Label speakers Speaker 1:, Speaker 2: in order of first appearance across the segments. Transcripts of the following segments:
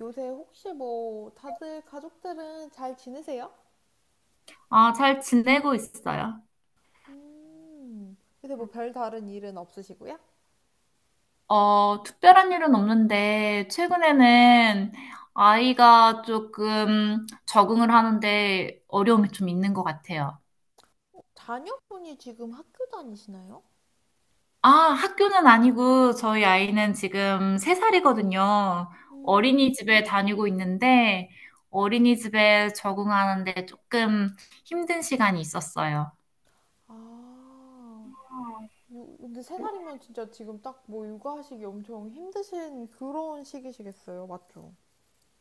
Speaker 1: 요새 혹시 뭐 다들 가족들은 잘 지내세요?
Speaker 2: 아, 잘 지내고 있어요.
Speaker 1: 음. 요새 뭐 별다른 일은 없으시고요?
Speaker 2: 어, 특별한 일은 없는데, 최근에는 아이가 조금 적응을 하는데 어려움이 좀 있는 것 같아요.
Speaker 1: 자녀분이 지금 학교 다니시나요?
Speaker 2: 아, 학교는 아니고, 저희 아이는 지금 3살이거든요.
Speaker 1: 음.
Speaker 2: 어린이집에 다니고 있는데, 어린이집에 적응하는데 조금 힘든 시간이 있었어요.
Speaker 1: 아, 근데 세 살이면 진짜 지금 딱 뭐 육아하시기 엄청 힘드신 그런 시기시겠어요, 맞죠?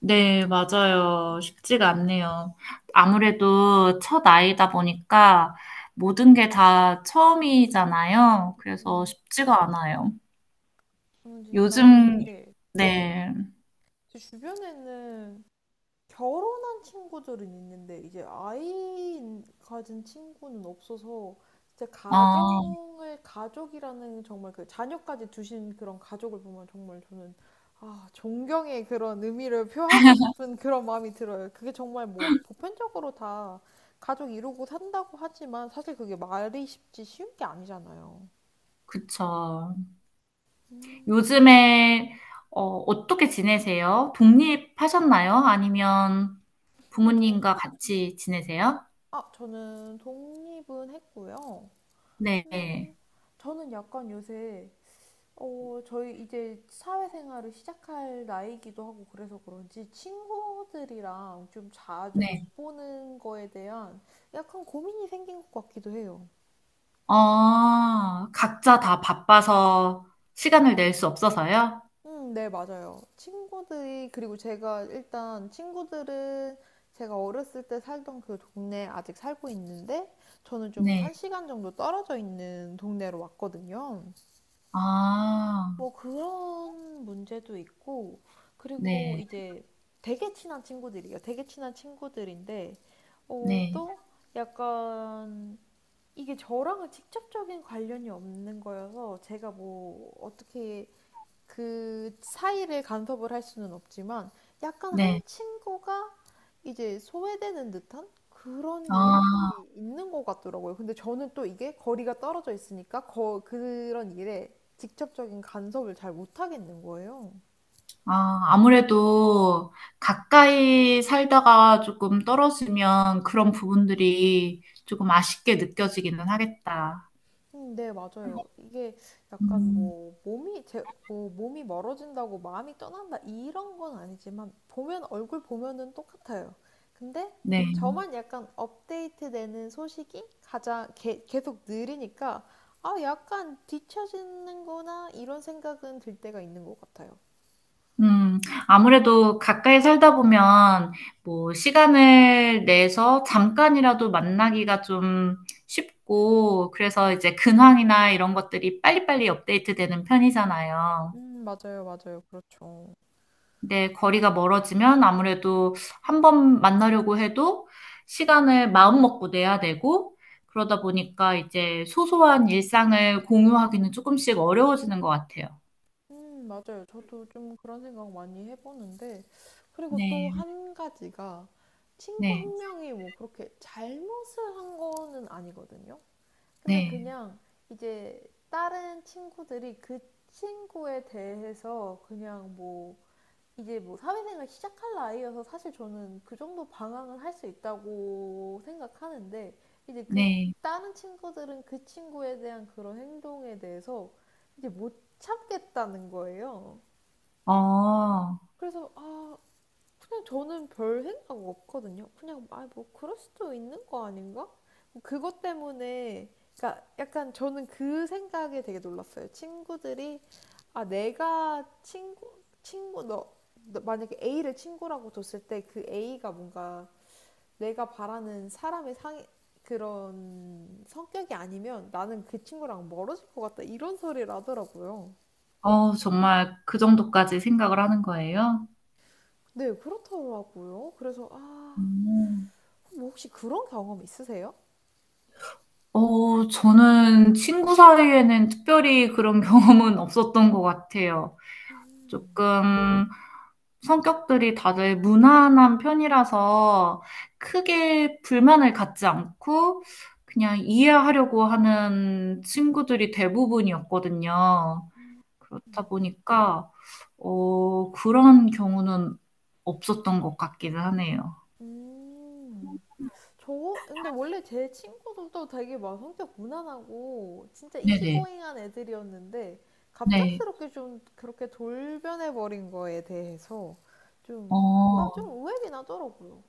Speaker 2: 네, 맞아요. 쉽지가 않네요. 아무래도 첫 아이다 보니까 모든 게 다 처음이잖아요. 그래서
Speaker 1: 음.
Speaker 2: 쉽지가 않아요.
Speaker 1: 저는 진짜,
Speaker 2: 요즘,
Speaker 1: 네.
Speaker 2: 네,
Speaker 1: 제 주변에는 결혼한 친구들은 있는데 이제 아이 가진 친구는 없어서 진짜
Speaker 2: 아,
Speaker 1: 가정을 가족이라는 정말 그 자녀까지 두신 그런 가족을 보면 정말 저는 아, 존경의 그런 의미를 표하고 싶은 그런 마음이 들어요. 그게 정말 뭐 보편적으로 다 가족 이루고 산다고 하지만 사실 그게 말이 쉽지 쉬운 게 아니잖아요.
Speaker 2: 그쵸.
Speaker 1: 음.
Speaker 2: 요즘에, 어, 어떻게 지내세요? 독립하셨나요? 아니면
Speaker 1: 음.
Speaker 2: 부모님과 같이 지내세요?
Speaker 1: 아, 저는 독립은 했고요.
Speaker 2: 네,
Speaker 1: 음, 저는 약간 요새 저희 이제 사회생활을 시작할 나이기도 하고 그래서 그런지 친구들이랑 좀 자주
Speaker 2: 네.
Speaker 1: 못 보는 거에 대한 약간 고민이 생긴 것 같기도 해요.
Speaker 2: 아, 각자 다 바빠서 시간을 낼 수 없어서요?
Speaker 1: 네, 맞아요. 그리고 제가 일단 친구들은 제가 어렸을 때 살던 그 동네에 아직 살고 있는데 저는 좀
Speaker 2: 네.
Speaker 1: 1시간 정도 떨어져 있는 동네로 왔거든요.
Speaker 2: 아,
Speaker 1: 뭐 그런 문제도 있고, 그리고
Speaker 2: 네,
Speaker 1: 이제 되게 친한 친구들이에요. 되게 친한 친구들인데,
Speaker 2: 네,
Speaker 1: 또 약간 이게 저랑은 직접적인 관련이 없는 거여서 제가 뭐 어떻게 그 사이를 간섭을 할 수는 없지만 약간 한
Speaker 2: 네.
Speaker 1: 친구가 이제 소외되는 듯한 그런 일이
Speaker 2: 아,
Speaker 1: 있는 것 같더라고요. 근데 저는 또 이게 거리가 떨어져 있으니까 그런 일에 직접적인 간섭을 잘 못하겠는 거예요.
Speaker 2: 아, 아무래도 가까이 살다가 조금 떨어지면 그런 부분들이 조금 아쉽게 느껴지기는 하겠다.
Speaker 1: 네, 맞아요. 이게 약간
Speaker 2: 음,
Speaker 1: 뭐 뭐 몸이 멀어진다고 마음이 떠난다 이런 건 아니지만 보면 얼굴 보면은 똑같아요. 근데
Speaker 2: 네.
Speaker 1: 저만 약간 업데이트되는 소식이 가장 계속 느리니까 아, 약간 뒤처지는구나 이런 생각은 들 때가 있는 것 같아요.
Speaker 2: 음, 아무래도 가까이 살다 보면 뭐 시간을 내서 잠깐이라도 만나기가 좀 쉽고 그래서 이제 근황이나 이런 것들이 빨리빨리 업데이트 되는 편이잖아요.
Speaker 1: 맞아요, 맞아요. 그렇죠.
Speaker 2: 네, 거리가 멀어지면 아무래도 한 번 만나려고 해도 시간을 마음먹고 내야 되고, 그러다 보니까 이제 소소한 일상을 공유하기는 조금씩 어려워지는 것 같아요.
Speaker 1: 맞아요. 저도 좀 그런 생각 많이 해보는데, 그리고 또
Speaker 2: 네,
Speaker 1: 한 가지가 친구
Speaker 2: 네,
Speaker 1: 1명이 뭐 그렇게 잘못을 한 거는 아니거든요. 근데
Speaker 2: 네,
Speaker 1: 그냥 이제 다른 친구들이 그 친구에 대해서 그냥 뭐 이제 뭐 사회생활 시작할 나이여서 사실 저는 그 정도 방황을 할 수 있다고 생각하는데 이제 그
Speaker 2: 네.
Speaker 1: 다른 친구들은 그 친구에 대한 그런 행동에 대해서 이제 못 참겠다는 거예요.
Speaker 2: 어,
Speaker 1: 그래서 아, 그냥 저는 별 생각 없거든요. 그냥 아 뭐 그럴 수도 있는 거 아닌가? 뭐 그것 때문에 그러니까 약간 저는 그 생각에 되게 놀랐어요. 친구들이 아 내가 친구 너 만약에 A를 친구라고 뒀을 때 그 A가 뭔가 내가 바라는 사람의 상 그런 성격이 아니면 나는 그 친구랑 멀어질 것 같다 이런 소리를 하더라고요.
Speaker 2: 어, 정말 그 정도까지 생각을 하는 거예요?
Speaker 1: 네, 그렇더라고요. 그래서 아,
Speaker 2: 음.
Speaker 1: 뭐 혹시 그런 경험 있으세요?
Speaker 2: 어, 저는 친구 사이에는 특별히 그런 경험은 없었던 것 같아요.
Speaker 1: 음.
Speaker 2: 조금, 성격들이 다들 무난한 편이라서 크게 불만을 갖지 않고 그냥 이해하려고 하는 친구들이 대부분이었거든요.
Speaker 1: 음, 음.
Speaker 2: 그렇다
Speaker 1: 음.
Speaker 2: 보니까, 어, 그런 경우는 없었던 것 같기는 하네요.
Speaker 1: 음. 음. 근데 원래 제 친구들도 되게 막 성격 무난하고 진짜
Speaker 2: 네네.
Speaker 1: 이지고잉한 애들이었는데
Speaker 2: 네.
Speaker 1: 갑작스럽게 좀 그렇게 돌변해버린 거에 대해서 좀, 아,
Speaker 2: 어,
Speaker 1: 좀 의외긴 하더라고요.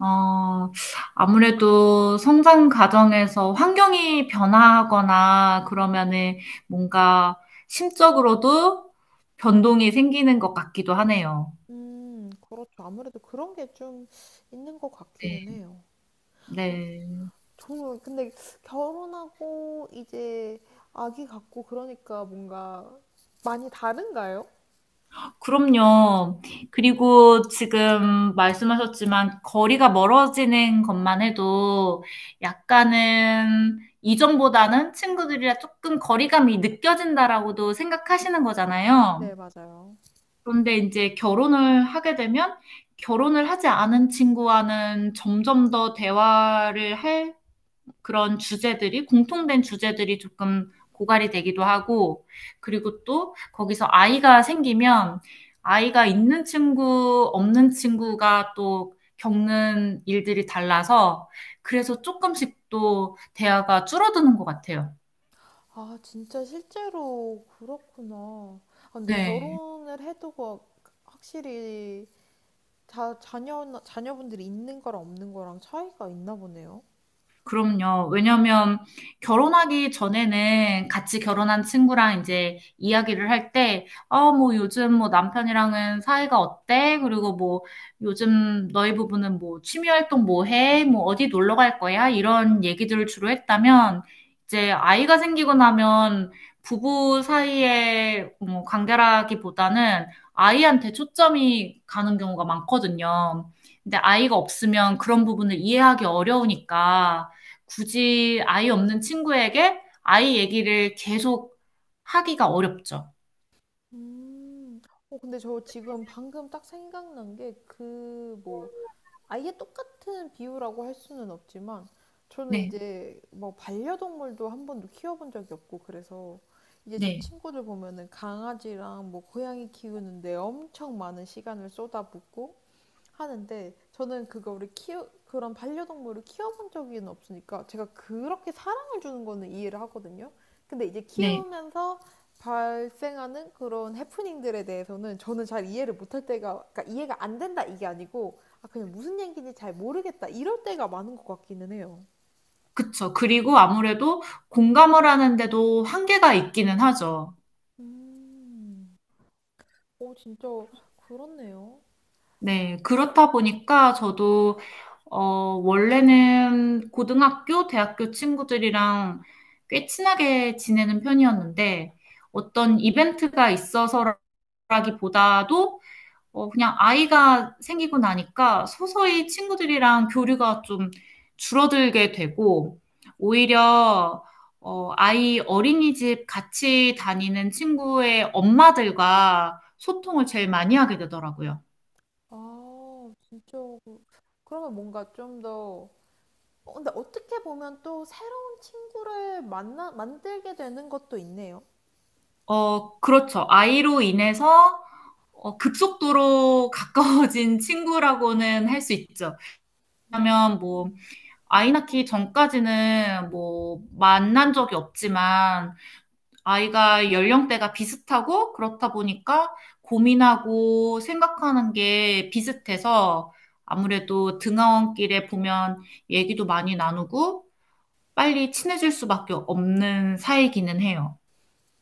Speaker 2: 어, 아무래도 성장 과정에서 환경이 변화하거나 그러면은 뭔가 심적으로도 변동이 생기는 것 같기도 하네요.
Speaker 1: 그렇죠. 아무래도 그런 게 좀 있는 것 같기는
Speaker 2: 네.
Speaker 1: 해요.
Speaker 2: 네.
Speaker 1: 근데 결혼하고 이제 아기 갖고 그러니까 뭔가 많이 다른가요?
Speaker 2: 그럼요. 그리고 지금 말씀하셨지만 거리가 멀어지는 것만 해도 약간은 이전보다는 친구들이랑 조금 거리감이 느껴진다라고도 생각하시는 거잖아요.
Speaker 1: 네, 맞아요.
Speaker 2: 그런데 이제 결혼을 하게 되면 결혼을 하지 않은 친구와는 점점 더 대화를 할 그런 주제들이, 공통된 주제들이 조금 고갈이 되기도 하고, 그리고 또 거기서 아이가 생기면 아이가 있는 친구, 없는 친구가 또 겪는 일들이 달라서 그래서 조금씩 또 대화가 줄어드는 것 같아요.
Speaker 1: 아, 진짜 실제로 그렇구나. 아, 근데
Speaker 2: 네.
Speaker 1: 결혼을 해도 확실히 자녀분들이 있는 거랑 없는 거랑 차이가 있나 보네요.
Speaker 2: 그럼요. 왜냐면 결혼하기 전에는 같이 결혼한 친구랑 이제 이야기를 할 때, 어, 뭐 요즘 뭐 남편이랑은 사이가 어때? 그리고 뭐 요즘 너희 부부는 뭐 취미 활동 뭐 해? 뭐 어디 놀러 갈 거야? 이런 얘기들을 주로 했다면, 이제 아이가 생기고 나면 부부 사이의 뭐 관계라기보다는 아이한테 초점이 가는 경우가 많거든요. 근데 아이가 없으면 그런 부분을 이해하기 어려우니까 굳이 아이 없는 친구에게 아이 얘기를 계속 하기가 어렵죠.
Speaker 1: 음, 근데 저 지금 방금 딱 생각난 게 그 뭐 아예 똑같은 비유라고 할 수는 없지만 저는
Speaker 2: 네,
Speaker 1: 이제 뭐 반려동물도 한 번도 키워본 적이 없고 그래서 이제 제
Speaker 2: 네,
Speaker 1: 친구들 보면은 강아지랑 뭐 고양이 키우는데 엄청 많은 시간을 쏟아붓고 하는데 저는 그거 우리 키우 그런 반려동물을 키워본 적이 없으니까 제가 그렇게 사랑을 주는 거는 이해를 하거든요. 근데 이제
Speaker 2: 네.
Speaker 1: 키우면서 발생하는 그런 해프닝들에 대해서는 저는 잘 이해를 못할 때가 그러니까 이해가 안 된다 이게 아니고 아 그냥 무슨 얘기인지 잘 모르겠다 이럴 때가 많은 것 같기는 해요.
Speaker 2: 그쵸. 그리고 아무래도 공감을 하는데도 한계가 있기는 하죠.
Speaker 1: 음. 오 진짜 그렇네요.
Speaker 2: 네, 그렇다 보니까 저도, 어, 원래는 고등학교, 대학교 친구들이랑 꽤 친하게 지내는 편이었는데 어떤 이벤트가 있어서라기보다도 어, 그냥 아이가 생기고 나니까 서서히 친구들이랑 교류가 좀 줄어들게 되고, 오히려, 어, 아이 어린이집 같이 다니는 친구의 엄마들과 소통을 제일 많이 하게 되더라고요.
Speaker 1: 아 진짜 그러면 뭔가 좀더 근데 어떻게 보면 또 새로운 친구를 만들게 되는 것도 있네요.
Speaker 2: 어, 그렇죠. 아이로 인해서 어, 급속도로 가까워진 친구라고는 할 수 있죠. 왜냐면 뭐,
Speaker 1: 음.
Speaker 2: 아이 낳기 전까지는 뭐, 만난 적이 없지만, 아이가 연령대가 비슷하고 그렇다 보니까 고민하고 생각하는 게 비슷해서 아무래도 등하원길에 보면 얘기도 많이 나누고 빨리 친해질 수밖에 없는 사이기는 해요.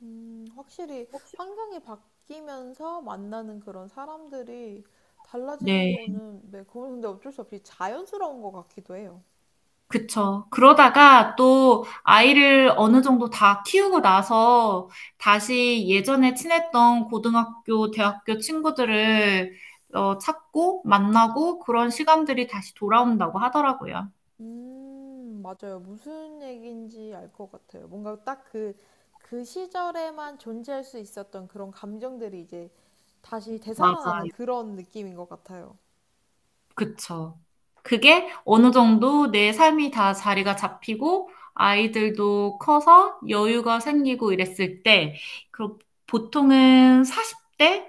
Speaker 1: 확실히 환경이 바뀌면서 만나는 그런 사람들이 달라지는
Speaker 2: 네,
Speaker 1: 거는, 네, 그건 근데 어쩔 수 없이 자연스러운 것 같기도 해요.
Speaker 2: 그쵸. 그러다가 또 아이를 어느 정도 다 키우고 나서 다시 예전에 친했던 고등학교, 대학교 친구들을 어, 찾고 만나고 그런 시간들이 다시 돌아온다고 하더라고요.
Speaker 1: 맞아요. 무슨 얘기인지 알 것 같아요. 뭔가 딱 그 시절에만 존재할 수 있었던 그런 감정들이 이제 다시 되살아나는
Speaker 2: 맞아요.
Speaker 1: 그런 느낌인 것 같아요.
Speaker 2: 그쵸. 그게 어느 정도 내 삶이 다 자리가 잡히고 아이들도 커서 여유가 생기고 이랬을 때, 그 보통은 40대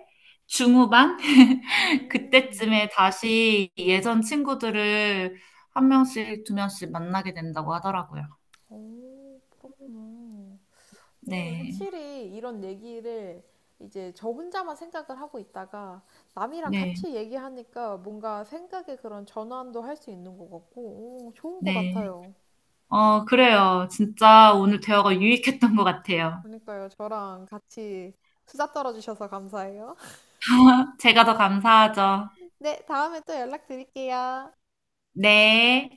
Speaker 2: 중후반
Speaker 1: 음.
Speaker 2: 그때쯤에 다시 예전 친구들을 한 명씩, 두 명씩 만나게 된다고 하더라고요.
Speaker 1: 오, 그렇구나. 오,
Speaker 2: 네.
Speaker 1: 확실히 이런 얘기를 이제 저 혼자만 생각을 하고 있다가 남이랑
Speaker 2: 네.
Speaker 1: 같이 얘기하니까 뭔가 생각의 그런 전환도 할 수 있는 것 같고, 오, 좋은 것
Speaker 2: 네.
Speaker 1: 같아요.
Speaker 2: 어, 그래요. 진짜 오늘 대화가 유익했던 것 같아요.
Speaker 1: 그러니까요, 저랑 같이 수다 떨어주셔서 감사해요.
Speaker 2: 제가 더 감사하죠.
Speaker 1: 네, 다음에 또 연락드릴게요.
Speaker 2: 네.